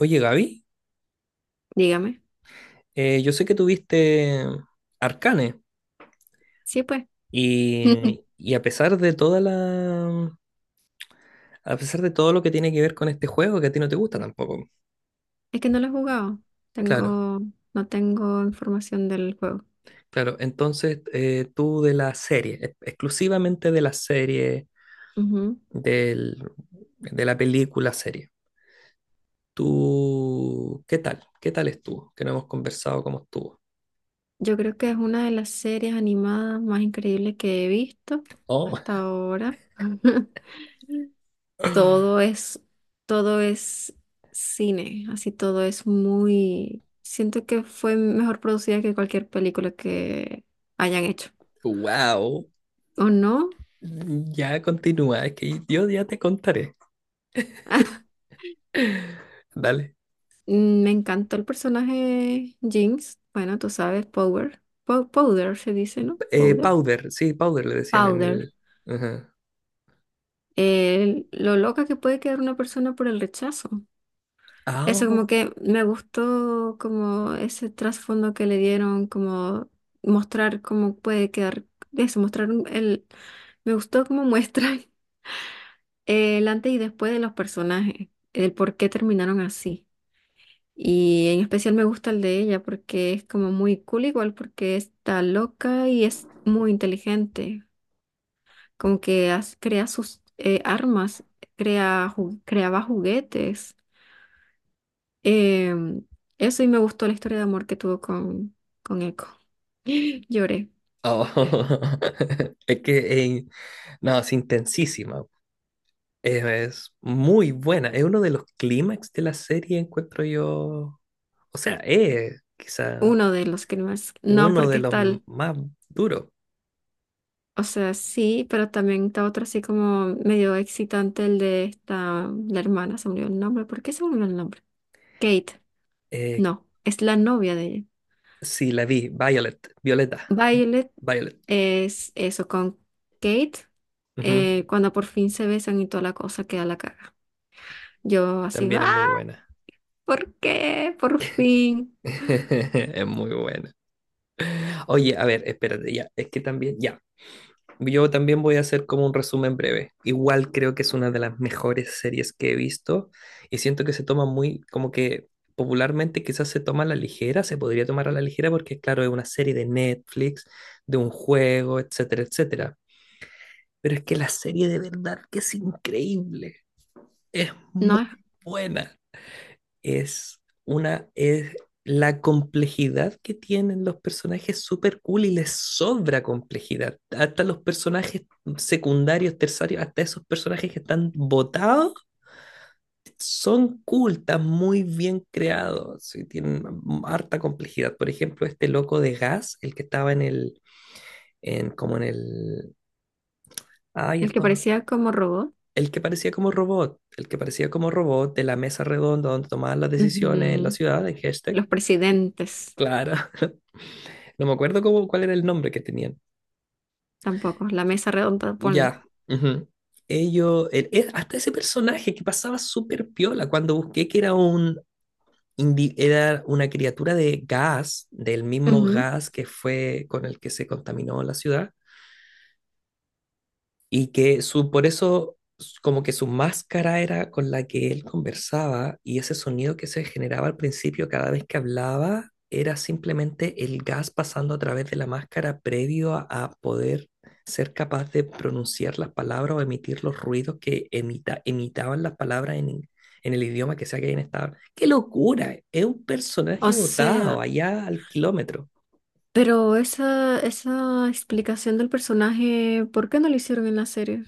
Oye, Gaby, Dígame. Yo sé que tuviste Arcane Sí, pues. y a pesar de todo lo que tiene que ver con este juego, que a ti no te gusta tampoco. Es que no lo he jugado. Claro, Tengo, no tengo información del juego. claro. Entonces, tú de la serie, exclusivamente de la serie, Ujú. del, de la película serie. ¿Tú qué tal? ¿Qué tal estuvo? Que no hemos conversado cómo estuvo. Yo creo que es una de las series animadas más increíbles que he visto Oh, hasta ahora. Todo es, Todo es cine, así todo es muy Siento que fue mejor producida que cualquier película que hayan hecho. wow. ¿O no? Ya continúa, es que yo ya te contaré. Dale. Me encantó el personaje Jinx. Bueno, tú sabes, Power. Powder se dice, ¿no? Powder. Powder, sí, powder le decían en Powder. el. Ajá. Lo loca que puede quedar una persona por el rechazo. Eso como Au. que me gustó como ese trasfondo que le dieron, como mostrar cómo puede quedar, eso, mostrar el Me gustó cómo muestran el antes y después de los personajes, el por qué terminaron así. Y en especial me gusta el de ella porque es como muy cool igual, porque está loca y es muy inteligente. Como que crea sus armas, creaba juguetes. Em, Eso y me gustó la historia de amor que tuvo con Echo. Lloré. Oh. Es que, eh, no, es intensísima. Es muy buena. Es uno de los clímax de la serie, encuentro yo. O sea, es quizá Uno de los crímenes. No, uno porque de los está el- más duros. O sea, sí, pero también está otro así como medio excitante, el de esta, la hermana, se me olvidó el nombre. ¿Por qué se me olvidó el nombre? Kate. Eh, No, es la novia de ella. sí, la vi, Violet, Violeta, Violet Violet. es eso con Kate. Ujú. Cuando por fin se besan y toda la cosa queda la caga. Yo así, También ah, es muy buena. ¿por qué? Por fin. Es muy buena. Oye, a ver, espérate, ya. Es que también, ya. Yo también voy a hacer como un resumen breve. Igual creo que es una de las mejores series que he visto y siento que se toma muy, como que popularmente quizás se toma a la ligera, se podría tomar a la ligera porque claro, es una serie de Netflix, de un juego, etcétera, etcétera. Pero es que la serie de verdad que es increíble, es No, muy es buena, es una, es la complejidad que tienen los personajes súper cool y les sobra complejidad. Hasta los personajes secundarios, terciarios, hasta esos personajes que están botados, son cool, están muy bien creados y tienen harta complejidad. Por ejemplo, este loco de gas, el que estaba en el, en, como en el, ay, el que esto, parecía como robot. el que parecía como robot, el que parecía como robot de la mesa redonda donde tomaban las decisiones en la Ujú. ciudad, en hashtag. Los presidentes Claro, no me acuerdo cómo, cuál era el nombre que tenían. tampoco. La mesa redonda, ponle. Ya. Ujú. Ellos, hasta ese personaje que pasaba súper piola cuando busqué que era era una criatura de gas, del mismo Ujú. gas que fue con el que se contaminó la ciudad. Y que su, por eso, como que su máscara era con la que él conversaba y ese sonido que se generaba al principio cada vez que hablaba era simplemente el gas pasando a través de la máscara previo a poder ser capaz de pronunciar las palabras o emitir los ruidos que emita, imitaban las palabras en el idioma que sea que hayan estado. ¡Qué locura! Es un O personaje sea, botado allá al kilómetro. pero esa explicación del personaje, ¿por qué no lo hicieron en la serie?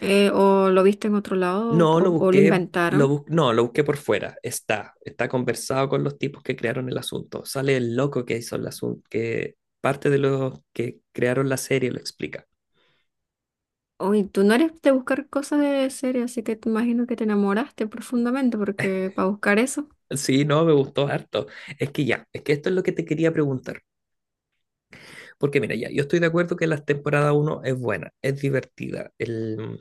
¿O lo viste en otro lado No, lo o lo busqué, inventaron? No, lo busqué por fuera. Está conversado con los tipos que crearon el asunto. Sale el loco que hizo el asunto, que parte de los que crearon la serie lo explica. Uy, tú no eres de buscar cosas de serie, así que te imagino que te enamoraste profundamente, porque para buscar eso. Sí, no, me gustó harto. Es que ya, es que esto es lo que te quería preguntar. Porque mira, ya, yo estoy de acuerdo que la temporada uno es buena, es divertida.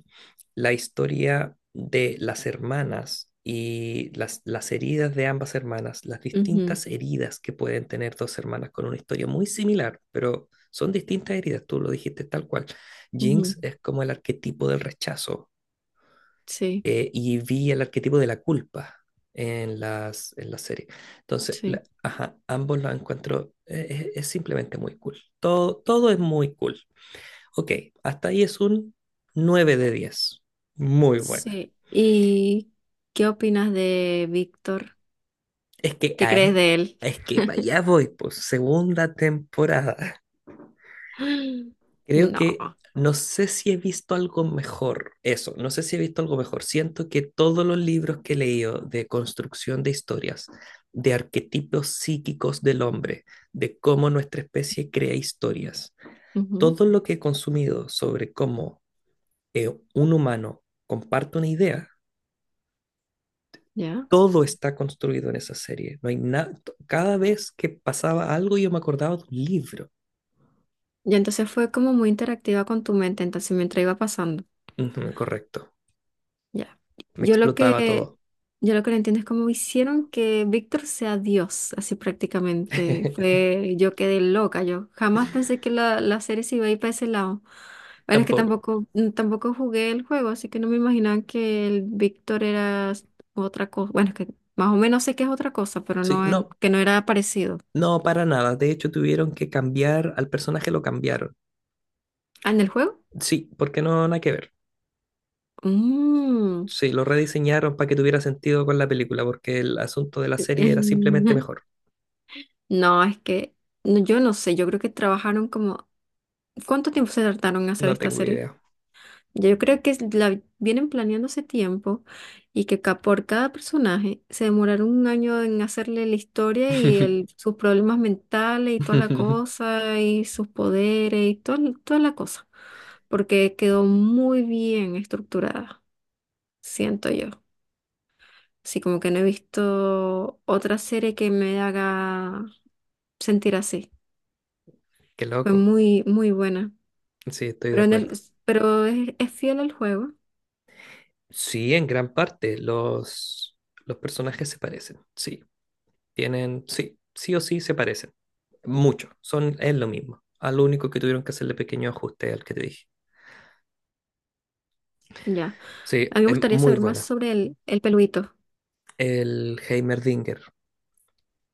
La historia de las hermanas y las heridas de ambas hermanas, las distintas heridas que pueden tener dos hermanas con una historia muy similar, pero son distintas heridas, tú lo dijiste tal cual. Ujú, Jinx ujú. es como el arquetipo del rechazo, Sí, y vi el arquetipo de la culpa en la serie. Entonces, sí, ajá, ambos los encuentro, simplemente muy cool. Todo, todo es muy cool. Ok, hasta ahí es un 9 de 10. Muy buena. sí. ¿Y qué opinas de Víctor? Es que, ¿Qué ah, crees de él? es que para allá voy, pues, segunda temporada. Creo que No. no sé si he visto algo mejor, eso, no sé si he visto algo mejor. Siento que todos los libros que he leído de construcción de historias, de arquetipos psíquicos del hombre, de cómo nuestra especie crea historias, Ujú. todo lo que he consumido sobre cómo eh, un humano comparte una idea, Ya. todo está construido en esa serie. No hay nada, cada vez que pasaba algo yo me acordaba de un libro. Y entonces fue como muy interactiva con tu mente, entonces mientras iba pasando. Ujú, correcto, Ya. me Yo lo explotaba que, todo. yo lo que no entiendo es cómo hicieron que Víctor sea Dios, así prácticamente. Fue, yo quedé loca, yo jamás pensé que la serie se iba a ir para ese lado. Bueno, es que Tampoco. tampoco, tampoco jugué el juego, así que no me imaginaba que el Víctor era otra cosa. Bueno, es que más o menos sé que es otra cosa, pero Sí, no, que no era parecido. no, para nada. De hecho, tuvieron que cambiar al personaje, lo cambiaron. Ah, ¿en el juego? Sí, porque no, nada que ver. Mm. Sí, lo rediseñaron para que tuviera sentido con la película, porque el asunto de la serie era simplemente mejor. No, es que no, yo no sé, yo creo que trabajaron como ¿cuánto tiempo se tardaron en hacer No esta tengo serie? idea. Yo creo que la vienen planeando hace tiempo y que por cada personaje se demoraron un año en hacerle la historia y sus problemas mentales y toda la cosa y sus poderes y toda la cosa. Porque quedó muy bien estructurada, siento yo. Así como que no he visto otra serie que me haga sentir así. Qué Fue loco. muy, muy buena. Sí, estoy de Pero, en el, acuerdo. pero es fiel al juego. Sí, en gran parte los personajes se parecen. Sí, tienen, sí, sí o sí se parecen. Mucho. Son, es lo mismo. A lo único que tuvieron que hacerle pequeño ajuste al que te dije. Ya. A Sí, mí me es gustaría muy saber más buena. sobre el peludito, El Heimerdinger.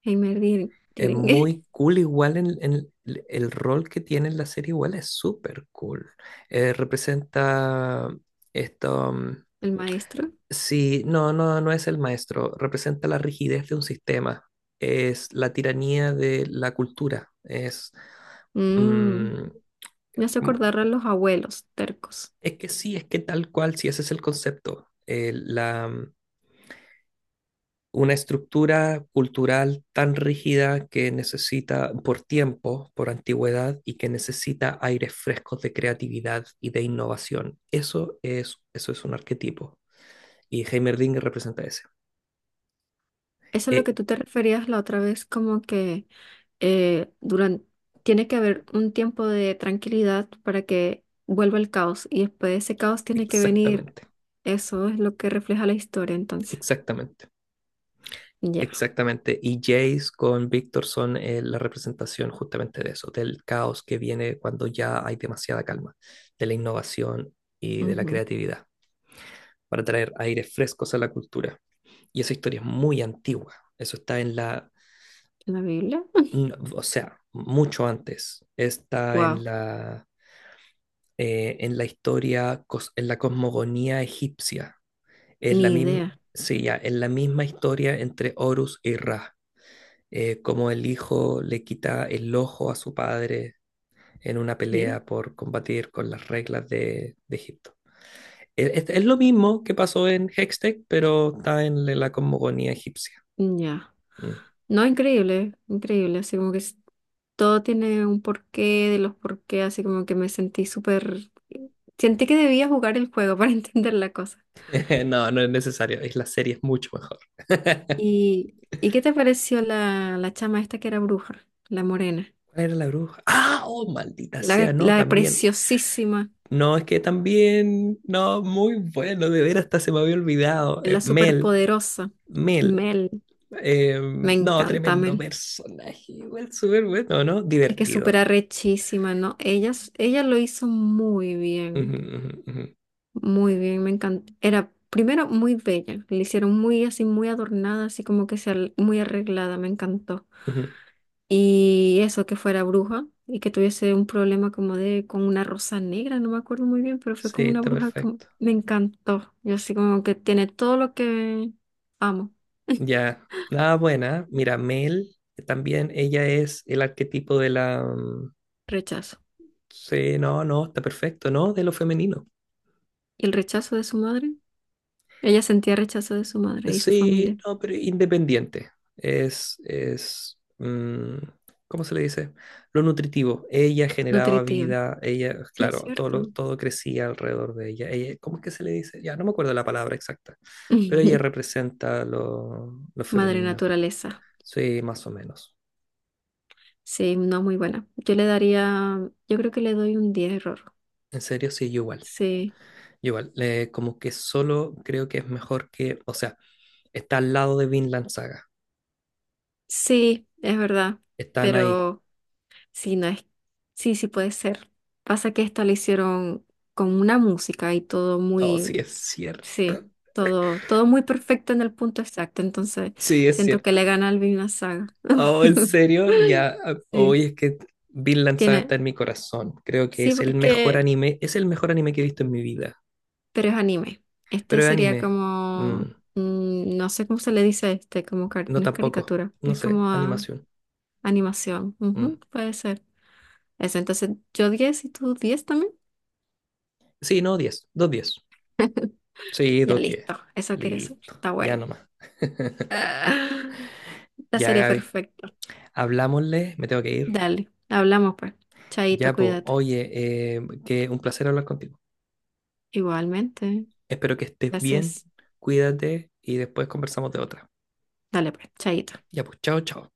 Es Direngue, muy cool igual en el rol que tiene en la serie igual es súper cool. Representa esto, el maestro. sí, no, no, no es el maestro, representa la rigidez de un sistema, es la tiranía de la cultura, Mm, mm, me hace como- acordar a los abuelos tercos. es que sí, es que tal cual, si ese es el concepto. Una estructura cultural tan rígida que necesita por tiempo, por antigüedad y que necesita aires frescos de creatividad y de innovación. Eso es un arquetipo y Heimerdinger representa ese. Eso es lo Eh, que tú te referías la otra vez, como que durante, tiene que haber un tiempo de tranquilidad para que vuelva el caos y después de ese caos tiene que venir. Exactamente, Eso es lo que refleja la historia, entonces. exactamente. Ya, Exactamente, y Jace con Víctor son, la representación justamente de eso, del caos que viene cuando ya hay demasiada calma, de la innovación y de la ujú. creatividad, para traer aires frescos a la cultura. Y esa historia es muy antigua. Eso está en la, ¿En la Biblia? o sea, mucho antes. Está Wow, en la historia, en la cosmogonía egipcia. Es la ni misma, idea. sí, ya, es la misma historia entre Horus y Ra. Como el hijo le quita el ojo a su padre en una ¿Qué? pelea por combatir con las reglas de Egipto. Es lo mismo que pasó en Hextech, pero está en la cosmogonía egipcia. Ya. Mm. No, increíble, increíble, así como que todo tiene un porqué, de los porqué, así como que me sentí súper Sentí que debía jugar el juego para entender la cosa. No, no es necesario. Es la serie, es mucho mejor. ¿Y, ¿Y qué te pareció la chama esta que era bruja, la morena? ¿Cuál era la bruja? ¡Ah! ¡Oh, maldita sea! No, La también. preciosísima, No, es que también. No, muy bueno. De ver hasta se me había olvidado. La Mel. superpoderosa, Mel. Mel. Eh, Me no, encanta tremendo Mel. personaje. Igual súper bueno, ¿no? Es que es súper Divertido. arrechísima, ¿no? Ella, ella lo hizo muy Ujú, bien. ujú, ujú, Muy bien, me encantó. Era primero muy bella, le hicieron muy así, muy adornada, así como que sea muy arreglada, me encantó. ujú. Y eso, que fuera bruja y que tuviese un problema como de con una rosa negra, no me acuerdo muy bien, pero fue Sí, con una está bruja que perfecto. me encantó. Yo así como que tiene todo lo que amo. Ya. Nada buena. Mira, Mel también. Ella es el arquetipo de la. Rechazo. Sí, no, no, está perfecto, ¿no? De lo femenino. Y el rechazo de su madre, ella sentía rechazo de su madre y su Sí, familia no, pero independiente. Es, es, mm, ¿Cómo se le dice? Lo nutritivo. Ella generaba nutritiva. vida, ella, Sí, es claro, todo, cierto. todo crecía alrededor de ella. Ella, ¿cómo es que se le dice? Ya, no me acuerdo la palabra exacta, pero ella representa lo Madre femenino. naturaleza. Sí, más o menos. Sí, no, muy buena. Yo creo que le doy un 10 error. En serio, sí, yo igual. Sí, Como que solo creo que es mejor que, o sea, está al lado de Vinland Saga. sí, es verdad, Están ahí. pero sí, no es, sí, sí puede ser. Pasa que esta la hicieron con una música y todo Oh, sí, muy, es cierto. sí, todo, todo muy perfecto en el punto exacto, entonces Sí, es siento que cierto. le gana al Vinland Saga. Oh, en serio, ya, ah, Sí, hoy es que Vinland Saga está tiene, en mi corazón. Creo que sí, es el mejor porque anime, es el mejor anime que he visto en mi vida. pero es anime. Este Pero es sería anime, mm, como, mm, no sé cómo se le dice a este, como no no es tampoco, caricatura, no es sé, como ah, animación. animación. Ujú, mm. puede ser. Eso, entonces yo 10 y tú 10 también. Sí, no, 10, dos 10. Sí, Ya dos 10. listo, eso quiere saber. Listo, Está ya bueno. nomás. Ah, la Ya, serie Gaby, perfecta. hablámosle, me tengo que ir. Dale, hablamos pues. Chaito, Ya, pues, cuídate. oye, que un placer hablar contigo. Igualmente. Espero que estés bien, Gracias. cuídate y después conversamos de otra. Dale pues, chaito. Ya, pues, chao, chao.